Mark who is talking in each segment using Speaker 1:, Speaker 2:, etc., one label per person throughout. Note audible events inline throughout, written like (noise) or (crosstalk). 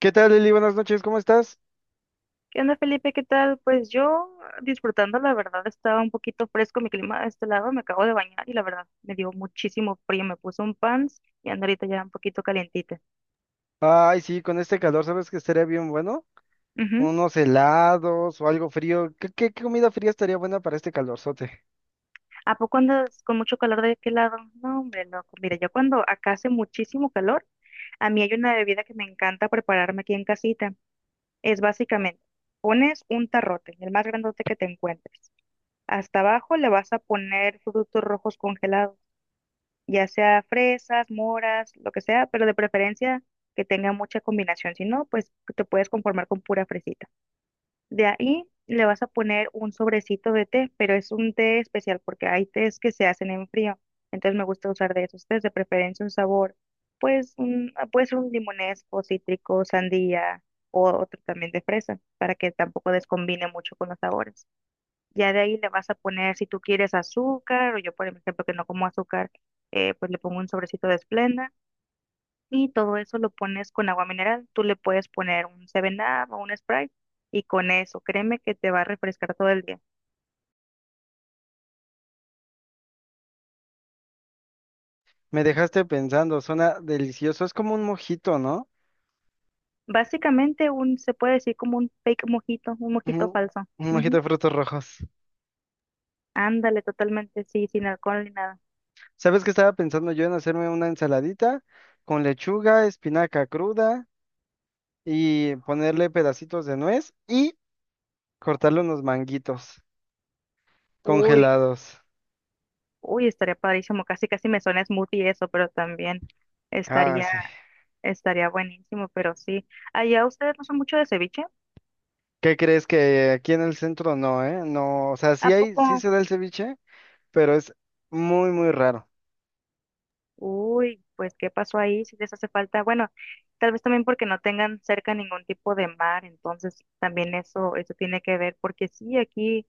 Speaker 1: ¿Qué tal, Lili? Buenas noches, ¿cómo estás?
Speaker 2: ¿Qué onda, Felipe? ¿Qué tal? Pues yo disfrutando, la verdad, estaba un poquito fresco mi clima de este lado, me acabo de bañar y la verdad me dio muchísimo frío, me puse un pants y ando ahorita ya un poquito calientita.
Speaker 1: Ay, sí, con este calor, ¿sabes que estaría bien bueno?
Speaker 2: Ujú.
Speaker 1: Unos helados o algo frío. ¿Qué comida fría estaría buena para este calorzote?
Speaker 2: ¿A poco andas con mucho calor de qué lado? No, hombre, loco. Mira, yo cuando acá hace muchísimo calor, a mí hay una bebida que me encanta prepararme aquí en casita. Es básicamente, pones un tarrote, el más grandote que te encuentres. Hasta abajo le vas a poner frutos rojos congelados. Ya sea fresas, moras, lo que sea, pero de preferencia que tenga mucha combinación, si no, pues te puedes conformar con pura fresita. De ahí le vas a poner un sobrecito de té, pero es un té especial porque hay tés que se hacen en frío, entonces me gusta usar de esos tés, de preferencia un sabor, pues puede ser un limonesco, cítrico, sandía o otro también de fresa, para que tampoco descombine mucho con los sabores. Ya de ahí le vas a poner, si tú quieres azúcar, o yo por ejemplo que no como azúcar, pues le pongo un sobrecito de Splenda y todo eso lo pones con agua mineral. Tú le puedes poner un 7-Up o un Sprite y con eso, créeme que te va a refrescar todo el día.
Speaker 1: Me dejaste pensando, suena delicioso. Es como un mojito, ¿no?
Speaker 2: Básicamente un, se puede decir como un fake mojito, un mojito
Speaker 1: Ujú.
Speaker 2: falso.
Speaker 1: Un mojito
Speaker 2: Ujú.
Speaker 1: de frutos rojos.
Speaker 2: Ándale, totalmente, sí, sin alcohol ni nada.
Speaker 1: ¿Sabes qué estaba pensando yo en hacerme una ensaladita con lechuga, espinaca cruda y ponerle pedacitos de nuez y cortarle unos manguitos
Speaker 2: Uy,
Speaker 1: congelados?
Speaker 2: uy, estaría padrísimo, casi casi me suena smoothie eso, pero también
Speaker 1: Ah,
Speaker 2: estaría...
Speaker 1: sí.
Speaker 2: Estaría buenísimo, pero sí. Allá ustedes no son mucho de ceviche,
Speaker 1: ¿Qué crees que aquí en el centro no, eh? No, o sea,
Speaker 2: ¿a
Speaker 1: sí hay,
Speaker 2: poco?
Speaker 1: sí se da el ceviche, pero es muy, muy raro.
Speaker 2: Uy, pues ¿qué pasó ahí? Si les hace falta, bueno, tal vez también porque no tengan cerca ningún tipo de mar, entonces también eso, tiene que ver, porque sí, aquí,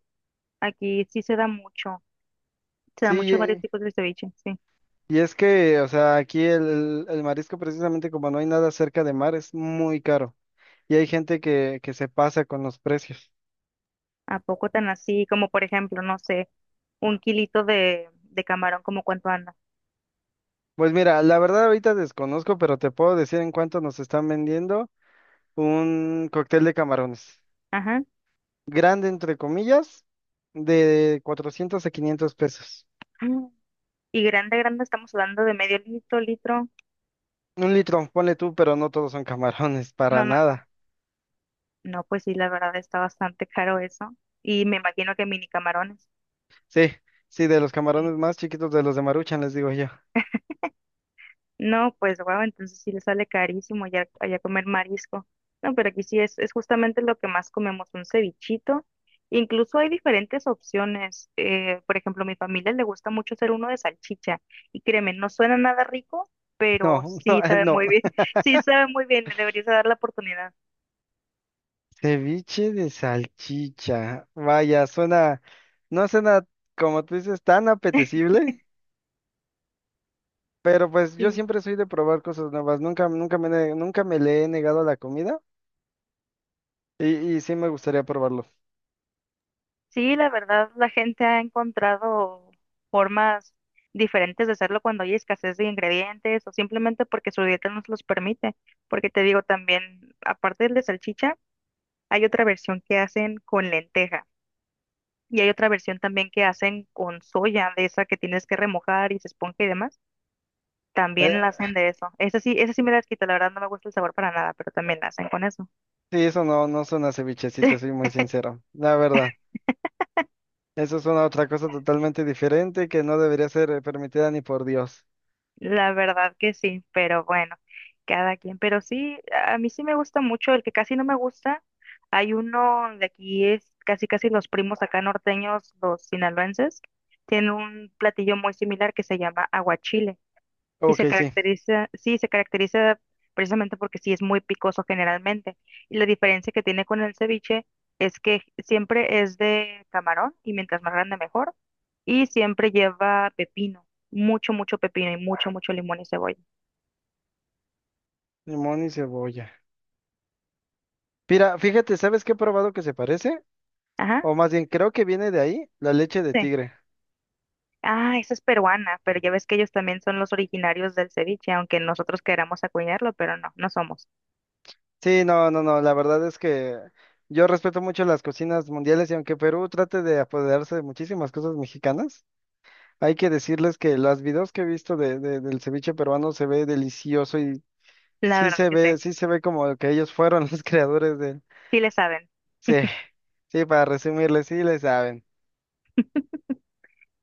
Speaker 2: sí se da
Speaker 1: Sí,
Speaker 2: mucho varios tipos de ceviche, sí.
Speaker 1: y es que, o sea, aquí el marisco precisamente como no hay nada cerca de mar, es muy caro. Y hay gente que se pasa con los precios.
Speaker 2: ¿A poco tan así? Como por ejemplo, no sé, un kilito de camarón, ¿como cuánto anda?
Speaker 1: Pues mira, la verdad ahorita desconozco, pero te puedo decir en cuánto nos están vendiendo un cóctel de camarones.
Speaker 2: Ajá.
Speaker 1: Grande, entre comillas, de 400 a 500 pesos.
Speaker 2: Mm. Y grande, grande, estamos hablando de medio litro, litro.
Speaker 1: Un litro, ponle tú, pero no todos son camarones, para
Speaker 2: No, no, no.
Speaker 1: nada.
Speaker 2: No, pues sí, la verdad está bastante caro eso. Y me imagino que mini camarones.
Speaker 1: Sí, sí, de los
Speaker 2: Sí.
Speaker 1: camarones más chiquitos de los de Maruchan, les digo yo.
Speaker 2: No, pues wow, entonces sí le sale carísimo ya, allá comer marisco. No, pero aquí sí es justamente lo que más comemos, un cevichito. Incluso hay diferentes opciones. Por ejemplo, a mi familia le gusta mucho hacer uno de salchicha. Y créeme, no suena nada rico, pero
Speaker 1: No, (laughs) no,
Speaker 2: sí sabe
Speaker 1: no.
Speaker 2: muy bien. (laughs) Sí sabe muy bien, le deberías dar la oportunidad.
Speaker 1: Ceviche de salchicha. Vaya, suena, no suena, como tú dices, tan apetecible, pero pues yo
Speaker 2: Sí.
Speaker 1: siempre soy de probar cosas nuevas. Nunca, nunca nunca me le he negado a la comida y, y sí me gustaría probarlo.
Speaker 2: Sí, la verdad, la gente ha encontrado formas diferentes de hacerlo cuando hay escasez de ingredientes o simplemente porque su dieta nos los permite. Porque te digo también, aparte del de salchicha, hay otra versión que hacen con lenteja y hay otra versión también que hacen con soya, de esa que tienes que remojar y se esponja y demás. También la
Speaker 1: Eh,
Speaker 2: hacen de eso. Esa sí me la quita, la verdad no me gusta el sabor para nada, pero también la hacen con eso.
Speaker 1: sí, eso no, no suena a ceviche, si te soy muy sincero. La verdad, eso es una otra cosa totalmente diferente que no debería ser permitida ni por Dios.
Speaker 2: La verdad que sí, pero bueno, cada quien. Pero sí, a mí sí me gusta mucho, el que casi no me gusta, hay uno de aquí, es casi casi los primos acá norteños, los sinaloenses, tienen un platillo muy similar que se llama aguachile. Y se
Speaker 1: Ok, sí,
Speaker 2: caracteriza, sí, se caracteriza precisamente porque sí es muy picoso generalmente. Y la diferencia que tiene con el ceviche es que siempre es de camarón y mientras más grande mejor. Y siempre lleva pepino, mucho, mucho pepino y mucho, mucho limón y cebolla.
Speaker 1: limón y cebolla. Mira, fíjate, ¿sabes qué he probado que se parece?
Speaker 2: Ajá,
Speaker 1: O más bien, creo que viene de ahí, la leche de
Speaker 2: sí.
Speaker 1: tigre.
Speaker 2: Ah, esa es peruana, pero ya ves que ellos también son los originarios del ceviche, aunque nosotros queramos acuñarlo, pero no, no somos.
Speaker 1: Sí, no, no, no, la verdad es que yo respeto mucho las cocinas mundiales y aunque Perú trate de apoderarse de muchísimas cosas mexicanas, hay que decirles que los videos que he visto de, del ceviche peruano se ve delicioso y
Speaker 2: La verdad que sí,
Speaker 1: sí se ve como que ellos fueron (laughs) los creadores de...
Speaker 2: sí le saben.
Speaker 1: Sí, sí, para resumirles, sí le saben.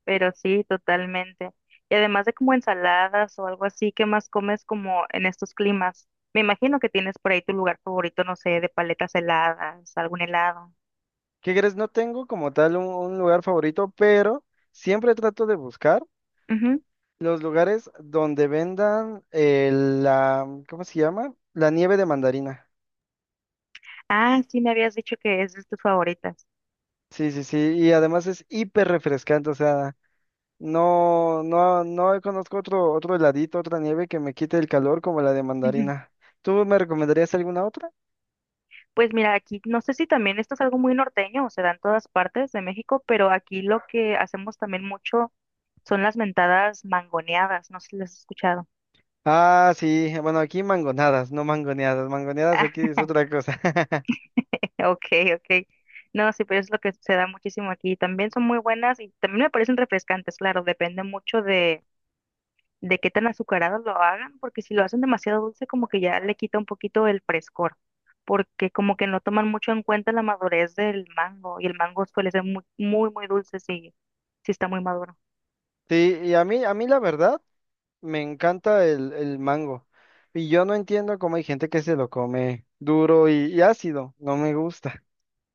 Speaker 2: Pero sí, totalmente. Y además de como ensaladas o algo así, ¿qué más comes como en estos climas? Me imagino que tienes por ahí tu lugar favorito, no sé, de paletas heladas, algún helado.
Speaker 1: ¿Qué crees? No tengo como tal un lugar favorito, pero siempre trato de buscar.
Speaker 2: Ujú.
Speaker 1: Los lugares donde vendan la, ¿cómo se llama? La nieve de mandarina.
Speaker 2: Ah, sí, me habías dicho que es de tus favoritas.
Speaker 1: Sí, sí, sí. Y además es hiper refrescante. O sea, no, no, no conozco otro, otro heladito, otra nieve que me quite el calor como la de
Speaker 2: Ujú.
Speaker 1: mandarina. ¿Tú me recomendarías alguna otra?
Speaker 2: Pues mira, aquí no sé si también esto es algo muy norteño o se da en todas partes de México, pero aquí lo que hacemos también mucho son las mentadas mangoneadas, no sé si las has escuchado.
Speaker 1: Ah, sí. Bueno, aquí mangonadas, no mangoneadas. Mangoneadas aquí
Speaker 2: (laughs)
Speaker 1: es otra cosa. (laughs)
Speaker 2: Okay, okay. No, sí, pero es lo que se da muchísimo aquí. También son muy buenas y también me parecen refrescantes, claro, depende mucho de qué tan azucaradas lo hagan, porque si lo hacen demasiado dulce, como que ya le quita un poquito el frescor, porque como que no toman mucho en cuenta la madurez del mango, y el mango suele ser muy, muy, muy dulce si está muy maduro.
Speaker 1: Sí, y a mí la verdad. Me encanta el mango. Y yo no entiendo cómo hay gente que se lo come duro y ácido. No me gusta.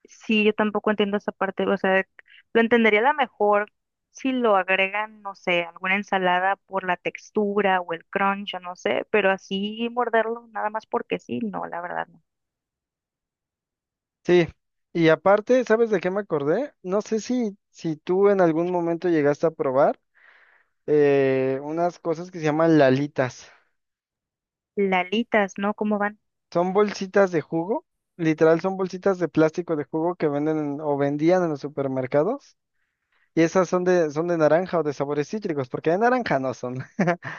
Speaker 2: Sí, yo tampoco entiendo esa parte, o sea, lo entendería a lo mejor si lo agregan, no sé, alguna ensalada por la textura o el crunch, o no sé, pero así morderlo nada más porque sí, no, la verdad no.
Speaker 1: Sí. Y aparte, ¿sabes de qué me acordé? No sé si, si tú en algún momento llegaste a probar unas cosas que se llaman lalitas.
Speaker 2: Lalitas, ¿no? ¿Cómo van?
Speaker 1: Son bolsitas de jugo. Literal, son bolsitas de plástico de jugo que venden en- o vendían en los supermercados. Y esas son de naranja o de sabores cítricos, porque de naranja no son. (laughs)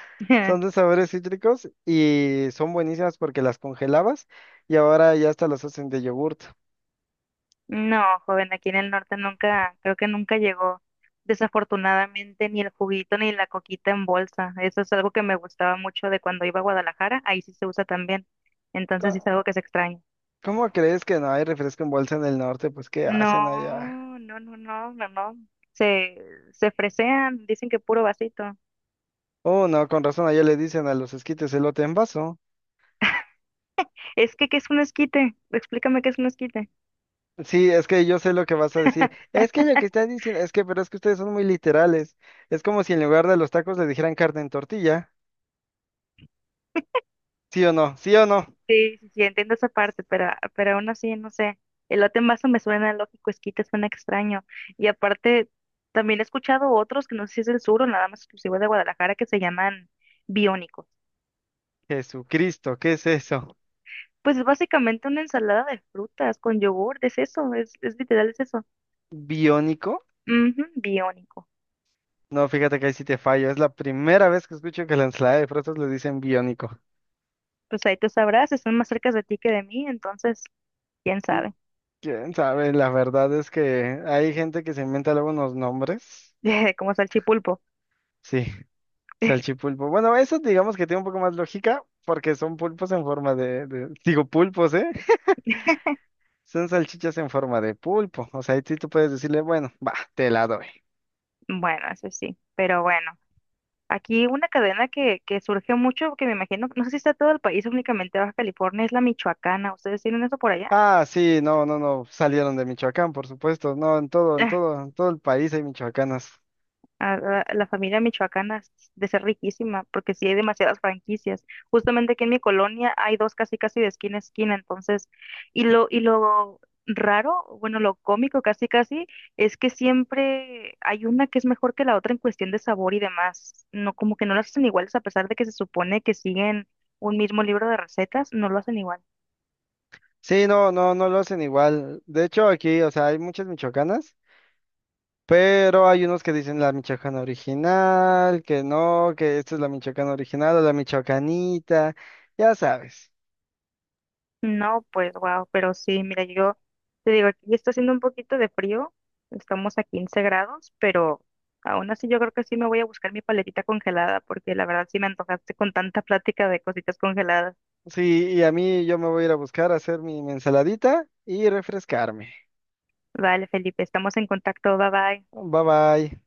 Speaker 1: Son de
Speaker 2: (laughs)
Speaker 1: sabores cítricos y son buenísimas porque las congelabas y ahora ya hasta las hacen de yogurt.
Speaker 2: No, joven, aquí en el norte nunca, creo que nunca llegó, desafortunadamente, ni el juguito ni la coquita en bolsa. Eso es algo que me gustaba mucho de cuando iba a Guadalajara, ahí sí se usa también, entonces sí es
Speaker 1: Co-
Speaker 2: algo que se extraña.
Speaker 1: ¿Cómo, crees que no hay refresco en bolsa en el norte? Pues, ¿qué hacen allá?
Speaker 2: No, no, no, no, no, no. Se, se fresean, dicen que puro vasito.
Speaker 1: Oh, no, con razón, allá le dicen a los esquites elote en vaso.
Speaker 2: Es que, ¿qué es un esquite? Explícame qué es un esquite.
Speaker 1: Sí, es que yo sé lo que vas a decir.
Speaker 2: (laughs)
Speaker 1: Es que lo que están diciendo, es que, pero es que ustedes son muy literales. Es como si en lugar de los tacos le dijeran carne en tortilla. ¿Sí o no? ¿Sí o no?
Speaker 2: Sí, sí, sí, entiendo esa parte, pero, aún así, no sé. Elote en vaso me suena lógico, esquite suena extraño. Y aparte, también he escuchado otros que no sé si es del sur o nada más exclusivo de Guadalajara que se llaman biónicos.
Speaker 1: Jesucristo, ¿qué es eso?
Speaker 2: Pues es básicamente una ensalada de frutas con yogur, es eso, es literal, es eso.
Speaker 1: ¿Biónico?
Speaker 2: Ujú, biónico.
Speaker 1: No, fíjate que ahí sí te fallo. Es la primera vez que escucho que la ensalada de frutas le dicen biónico.
Speaker 2: Pues ahí tú sabrás, están más cerca de ti que de mí, entonces, quién sabe,
Speaker 1: ¿Quién sabe? La verdad es que hay gente que se inventa luego unos nombres.
Speaker 2: (laughs) como salchipulpo.
Speaker 1: Sí,
Speaker 2: (laughs)
Speaker 1: salchipulpo. Bueno, eso digamos que tiene un poco más lógica porque son pulpos en forma de, Digo pulpos, ¿eh? Son salchichas en forma de pulpo. O sea, ahí sí tú puedes decirle, bueno, va, te la doy.
Speaker 2: Bueno, eso sí, pero bueno, aquí una cadena que surge mucho, que me imagino, no sé si está todo el país, únicamente Baja California, es la michoacana. ¿Ustedes tienen eso por allá?
Speaker 1: Ah, sí, no, no, no, salieron de Michoacán, por supuesto. No, en todo, en
Speaker 2: (laughs)
Speaker 1: todo, en todo el país hay michoacanas.
Speaker 2: A la, la familia michoacana de ser riquísima, porque sí hay demasiadas franquicias. Justamente aquí en mi colonia hay dos casi casi de esquina a esquina, entonces, y lo raro, bueno, lo cómico casi casi, es que siempre hay una que es mejor que la otra en cuestión de sabor y demás. No, como que no las hacen iguales a pesar de que se supone que siguen un mismo libro de recetas, no lo hacen igual.
Speaker 1: Sí, no, no, no lo hacen igual. De hecho, aquí, o sea, hay muchas michoacanas, pero hay unos que dicen la michoacana original, que no, que esta es la michoacana original o la michoacanita, ya sabes.
Speaker 2: No, pues wow, pero sí, mira, yo te digo, aquí está haciendo un poquito de frío, estamos a 15 grados, pero aún así yo creo que sí me voy a buscar mi paletita congelada, porque la verdad sí me antojaste con tanta plática de cositas congeladas.
Speaker 1: Sí, y a mí yo me voy a ir a buscar a hacer mi ensaladita y refrescarme.
Speaker 2: Vale, Felipe, estamos en contacto, bye bye.
Speaker 1: Bye bye.